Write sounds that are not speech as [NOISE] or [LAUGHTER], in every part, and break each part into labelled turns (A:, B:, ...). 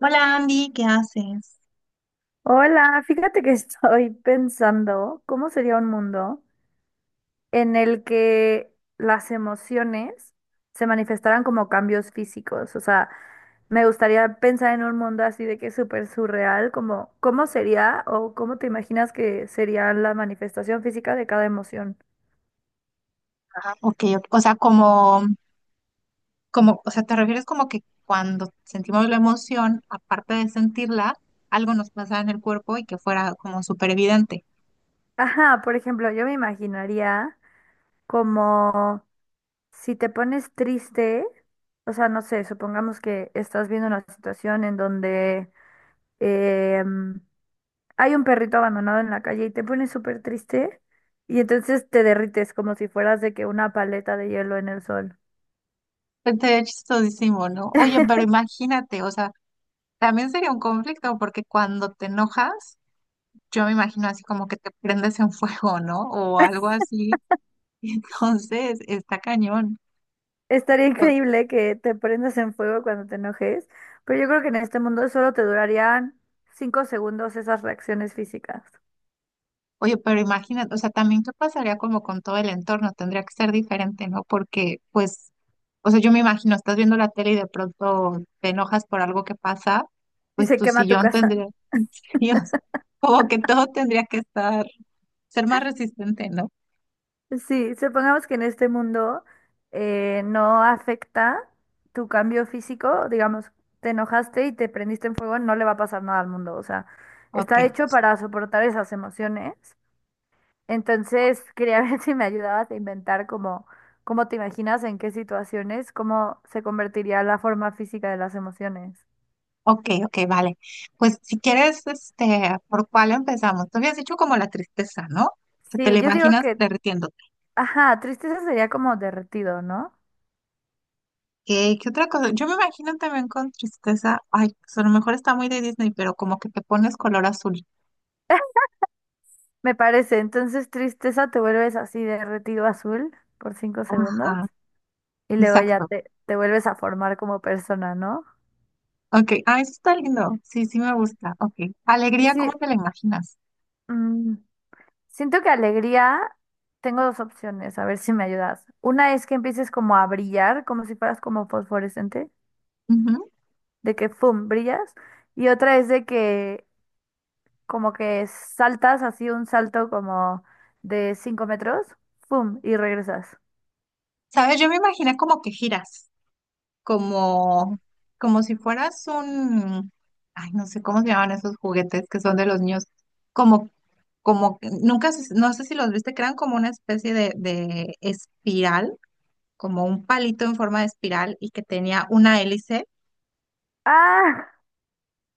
A: Hola, Andy, ¿qué haces?
B: Hola, fíjate que [LAUGHS] estoy pensando cómo sería un mundo en el que las emociones se manifestaran como cambios físicos. O sea, me gustaría pensar en un mundo así de que es súper surreal, como cómo sería o cómo te imaginas que sería la manifestación física de cada emoción.
A: Ajá. Ok, ok, o sea, como, como, o sea, te refieres como que cuando sentimos la emoción, aparte de sentirla, algo nos pasa en el cuerpo y que fuera como súper evidente.
B: Ajá, por ejemplo, yo me imaginaría como si te pones triste, o sea, no sé, supongamos que estás viendo una situación en donde... em, hay un perrito abandonado en la calle y te pones súper triste y entonces te derrites como si fueras de que una paleta de hielo en el sol.
A: Este es chistosísimo, ¿no? Oye, pero imagínate, o sea, también sería un conflicto porque cuando te enojas, yo me imagino así como que te prendes en fuego, ¿no? O
B: [LAUGHS]
A: algo así. [LAUGHS] Entonces, está cañón.
B: Estaría increíble que te prendas en fuego cuando te enojes, pero yo creo que en este mundo solo te durarían 5 segundos esas reacciones físicas.
A: Oye, pero imagínate, o sea, también qué pasaría como con todo el entorno, tendría que ser diferente, ¿no? Porque, pues, o sea, yo me imagino, estás viendo la tele y de pronto te enojas por algo que pasa,
B: Y
A: pues
B: se
A: tu
B: quema tu
A: sillón
B: casa.
A: tendría, [LAUGHS] Dios, como que todo tendría que estar, ser más resistente, ¿no?
B: Sí, supongamos que en este mundo no afecta tu cambio físico, digamos, te enojaste y te prendiste en fuego, no le va a pasar nada al mundo, o sea,
A: Ok,
B: está hecho para soportar esas emociones. Entonces, quería [LAUGHS] ver si me ayudabas a inventar como cómo te imaginas, en qué situaciones, cómo se convertiría la forma física de las emociones.
A: ok, ok, vale. Pues si quieres, este, ¿por cuál empezamos? Tú habías dicho como la tristeza, ¿no? Que te la
B: Sí, yo digo
A: imaginas
B: que,
A: derritiéndose.
B: ajá, tristeza sería como derretido, ¿no? [LAUGHS]
A: ¿Qué, qué otra cosa? Yo me imagino también con tristeza, ay, pues a lo mejor está muy de Disney, pero como que te pones color azul.
B: Me parece. Entonces, tristeza, te vuelves así derretido azul por 5 segundos
A: Ajá,
B: y luego ya
A: exacto.
B: te vuelves a formar como persona, ¿no?
A: Ok, ah, eso está lindo. Sí, sí me gusta. Ok.
B: Y
A: Alegría,
B: sí,
A: ¿cómo te la imaginas?
B: mm, siento que alegría, tengo dos opciones, a ver si me ayudas. Una es que empieces como a brillar, como si fueras como fosforescente,
A: Ujú.
B: de que, ¡pum!, brillas. Y otra es de que como que saltas así un salto como de 5 metros, ¡pum!, y regresas.
A: ¿Sabes? Yo me imaginé como que giras, como, como si fueras un, ay, no sé cómo se llaman esos juguetes que son de los niños, como, como, que- nunca, se- no sé si los viste, crean como una especie de espiral como un palito en forma de espiral y que tenía una hélice.
B: Ah,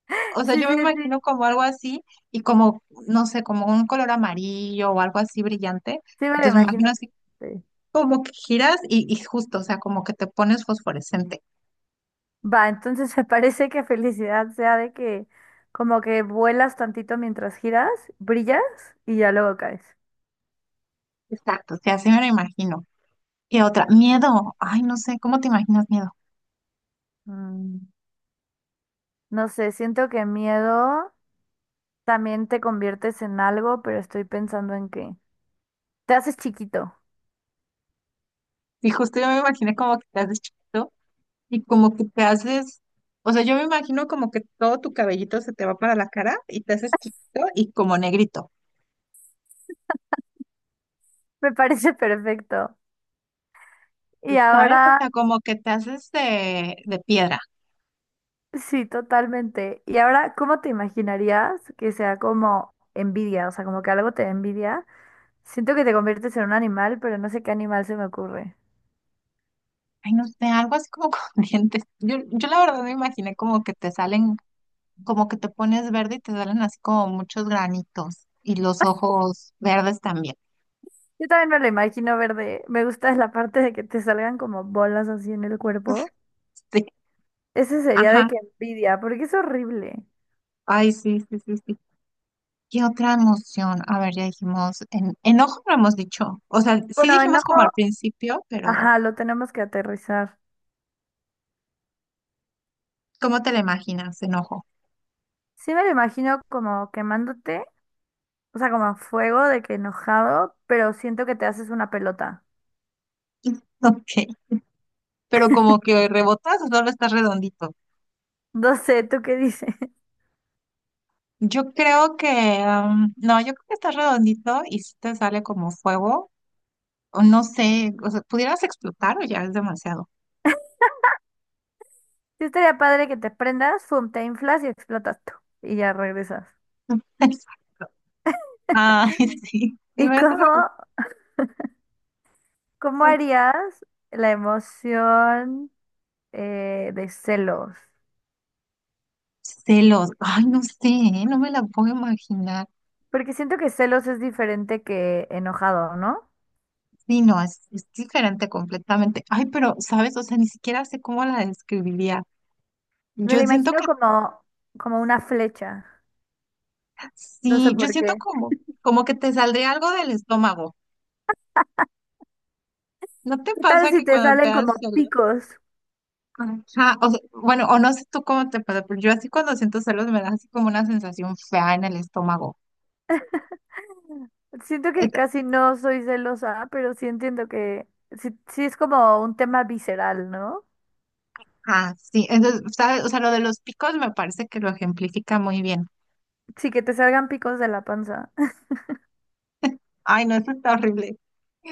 B: [LAUGHS]
A: O sea,
B: sí,
A: yo me
B: sí, sí,
A: imagino como algo así y como, no sé, como un color amarillo o algo así brillante.
B: sí me lo
A: Entonces me imagino
B: imagino.
A: así
B: Sí.
A: como que giras y justo, o sea, como que te pones fosforescente.
B: Va, entonces [LAUGHS] se parece que felicidad sea de que como que vuelas tantito mientras giras, brillas y ya luego caes.
A: Exacto, o sea, así me lo imagino. Y otra, miedo. Ay, no sé, ¿cómo te imaginas miedo?
B: Mm, no sé, siento que miedo también te conviertes en algo, pero estoy pensando en que te haces chiquito.
A: Y justo yo me imaginé como que te haces chiquito y como que te haces, o sea, yo me imagino como que todo tu cabellito se te va para la cara y te haces chiquito y como negrito.
B: [LAUGHS] Me parece perfecto. Y
A: ¿Sabes? O
B: ahora,
A: sea, como que te haces de piedra.
B: sí, totalmente. Y ahora, ¿cómo te imaginarías que sea como envidia? O sea, como que algo te da envidia. Siento que te conviertes en un animal, pero no sé qué animal se me ocurre.
A: Ay, no sé, algo así como con [LAUGHS] dientes. Yo, la verdad me imaginé como que te salen, como que te pones verde y te salen así como muchos granitos y los ojos verdes también. [LAUGHS]
B: Yo también me lo imagino verde. Me gusta la parte de que te salgan como bolas así en el cuerpo.
A: Sí.
B: Ese sería de
A: Ajá.
B: que envidia, porque es horrible.
A: Ay, sí, sí, sí, sí. ¿Qué otra emoción? A ver, ya dijimos, enojo no hemos dicho. O sea, sí
B: Bueno,
A: dijimos
B: enojo,
A: como al principio, pero
B: ajá, lo tenemos que aterrizar.
A: ¿cómo te la imaginas, enojo?
B: Sí me lo imagino como quemándote, o sea, como a fuego de que enojado, pero siento que te haces una pelota. [LAUGHS]
A: [LAUGHS] Ok. Pero como que rebotas o solo estás redondito.
B: No sé, ¿tú qué dices? [LAUGHS]
A: Yo creo que, no, yo creo que está redondito y si te sale como fuego, o no sé, o sea, pudieras explotar o ya es demasiado.
B: Sí estaría padre que te prendas, fum, te inflas y explotas tú. Y ya regresas.
A: [LAUGHS] Exacto. Ay, sí,
B: ¿Y cómo, cómo harías la emoción de celos?
A: celos. Ay, no sé, ¿eh? No me la puedo imaginar.
B: Porque siento que celos es diferente que enojado, ¿no?
A: Sí, no, es diferente completamente. Ay, pero, ¿sabes? O sea, ni siquiera sé cómo la describiría.
B: Me
A: Yo
B: lo
A: siento
B: imagino
A: que
B: como, como una flecha. No sé
A: sí, yo
B: por
A: siento
B: qué.
A: como, como que te saldría algo del estómago. ¿No te
B: ¿Qué tal
A: pasa
B: si
A: que
B: te
A: cuando te
B: salen como
A: das celos?
B: picos?
A: Ajá, o sea, bueno, o no sé tú cómo te pasa, pero yo así cuando siento celos me da así como una sensación fea en el estómago.
B: Siento que
A: Et-
B: casi no soy celosa, pero sí entiendo que sí, sí es como un tema visceral, ¿no?
A: Ah, sí, entonces, ¿sabes? O sea, lo de los picos me parece que lo ejemplifica muy bien.
B: Sí, que te salgan picos de la panza.
A: Ay, no, eso está horrible.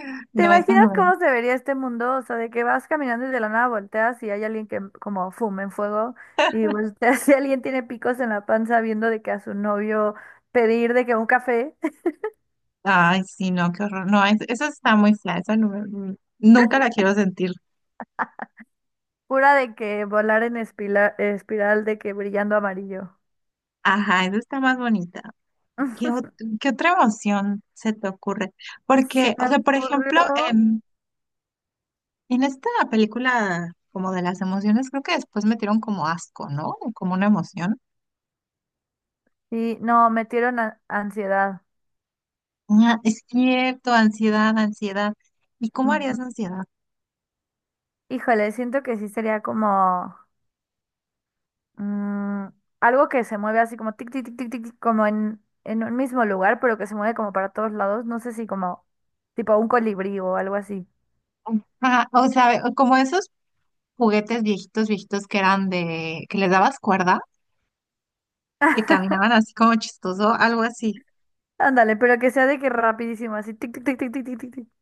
B: [LAUGHS] ¿Te
A: No, esa
B: imaginas
A: no.
B: cómo se vería este mundo? O sea, de que vas caminando y de la nada volteas y hay alguien que como fuma en fuego y volteas [LAUGHS] y alguien tiene picos en la panza viendo de que a su novio pedir de que un café.
A: Ay, sí, no, qué horror. No, esa está muy fea, esa no me- nunca la quiero sentir.
B: Pura de que volar en espiral de que brillando amarillo.
A: Ajá, esa está más bonita. ¿Qué, ot-
B: [LAUGHS]
A: ¿Qué otra emoción se te ocurre?
B: Se
A: Porque, o
B: me
A: sea, por ejemplo,
B: ocurrió.
A: em, en esta película, como de las emociones, creo que después metieron como asco, ¿no? Como una emoción.
B: Sí, no, metieron ansiedad.
A: Ah, es cierto, ansiedad, ansiedad. ¿Y cómo
B: Ujú.
A: harías ansiedad?
B: Híjole, siento que sí sería como mm, algo que se mueve así como tic, tic, tic, tic, tic, tic, como en un mismo lugar, pero que se mueve como para todos lados. No sé si como tipo un colibrí o algo así.
A: Ajá, o sea, como esos juguetes viejitos, viejitos que eran de, que les dabas cuerda, que caminaban así como chistoso, algo así.
B: Ándale, pero que sea de que rapidísimo, así tic, tic, tic, tic, tic, tic, tic. Tic. [LAUGHS]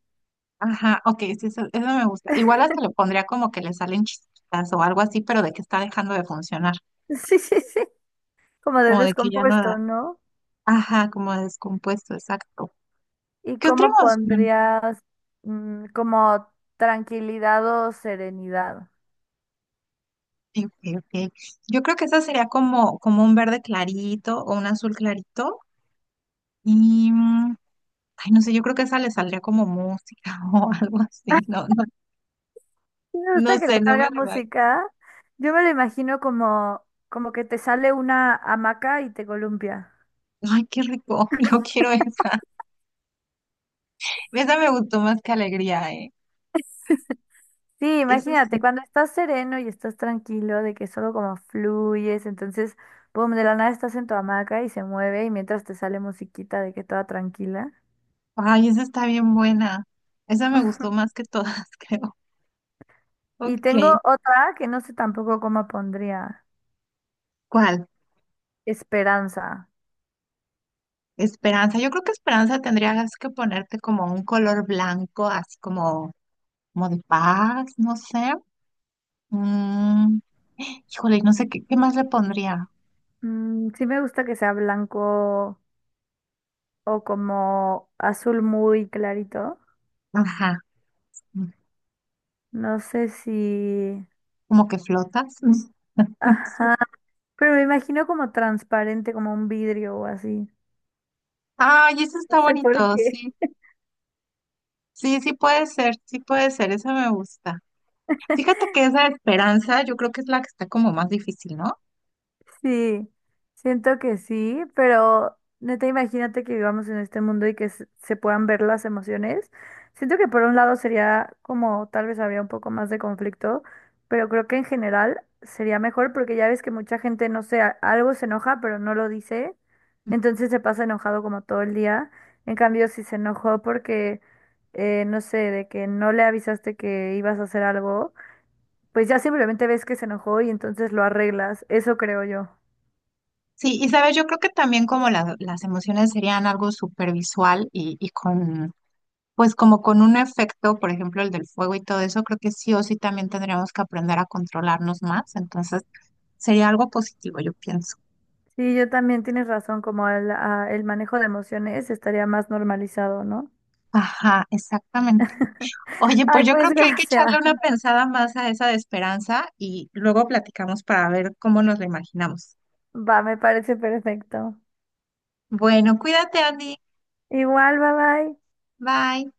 A: Ajá, ok, sí, eso me gusta. Igual hasta le pondría como que le salen chispitas o algo así, pero de que está dejando de funcionar,
B: Sí, sí, sí. Como de
A: como de que ya no da.
B: descompuesto, ¿no?
A: Ajá, como descompuesto, exacto.
B: ¿Y
A: ¿Qué otra
B: cómo
A: emoción?
B: pondrías como tranquilidad o serenidad?
A: Sí, sí, sí. Yo creo que esa sería como, como un verde clarito o un azul clarito. Y, mm, ay, no sé, yo creo que esa le saldría como música [LAUGHS] o algo así.
B: [LAUGHS]
A: No, no,
B: Sí. Me
A: no
B: gusta que le
A: sé, no
B: salga
A: me la va.
B: música. Yo me lo imagino como, como que te sale una hamaca y te columpia.
A: Ay, qué rico. [LAUGHS] Yo quiero esa. Esa me gustó más que alegría, ¿eh?
B: [LAUGHS] Sí,
A: Esa es,
B: imagínate, cuando estás sereno y estás tranquilo, de que solo como fluyes, entonces, boom, de la nada estás en tu hamaca y se mueve y mientras te sale musiquita de que toda tranquila.
A: ay, esa está bien buena. Esa me gustó
B: [LAUGHS]
A: más que todas, [LAUGHS] creo.
B: Y
A: Ok.
B: tengo otra que no sé tampoco cómo pondría.
A: ¿Cuál?
B: Esperanza.
A: Esperanza. Yo creo que esperanza tendrías que ponerte como un color blanco, así como, como de paz, no sé. Mm, híjole, no sé qué, qué más le pondría.
B: Mm, sí me gusta que sea blanco o como azul muy clarito.
A: Ajá.
B: No sé si...
A: Como que flotas. [LAUGHS] Sí.
B: Ajá, pero me imagino como transparente, como un vidrio o así.
A: Ay, eso
B: No
A: está
B: sé por
A: bonito,
B: qué.
A: sí. Sí, sí puede ser, esa me gusta. Fíjate que esa esperanza yo creo que es la que está como más difícil, ¿no?
B: Sí, siento que sí, pero neta, imagínate que vivamos en este mundo y que se puedan ver las emociones. Siento que por un lado sería como tal vez habría un poco más de conflicto, pero creo que en general sería mejor porque ya ves que mucha gente, no sé, algo se enoja, pero no lo dice, entonces se pasa enojado como todo el día. En cambio, si se enojó porque, no sé, de que no le avisaste que ibas a hacer algo, pues ya simplemente ves que se enojó y entonces lo arreglas. Eso creo yo.
A: Sí, y sabes, yo creo que también como las emociones serían algo supervisual y con pues como con un efecto, por ejemplo, el del fuego y todo eso, creo que sí o sí también tendríamos que aprender a controlarnos más. Entonces, sería algo positivo, yo pienso.
B: Sí, yo también tienes razón, como el, el manejo de emociones estaría más normalizado, ¿no?
A: Ajá, exactamente.
B: [LAUGHS]
A: Oye,
B: Ay,
A: pues yo
B: pues
A: creo que hay que
B: gracias.
A: echarle una pensada más a esa de esperanza y luego platicamos para ver cómo nos la imaginamos.
B: Va, me parece perfecto.
A: Bueno, cuídate, Andy.
B: Igual, bye bye.
A: Bye.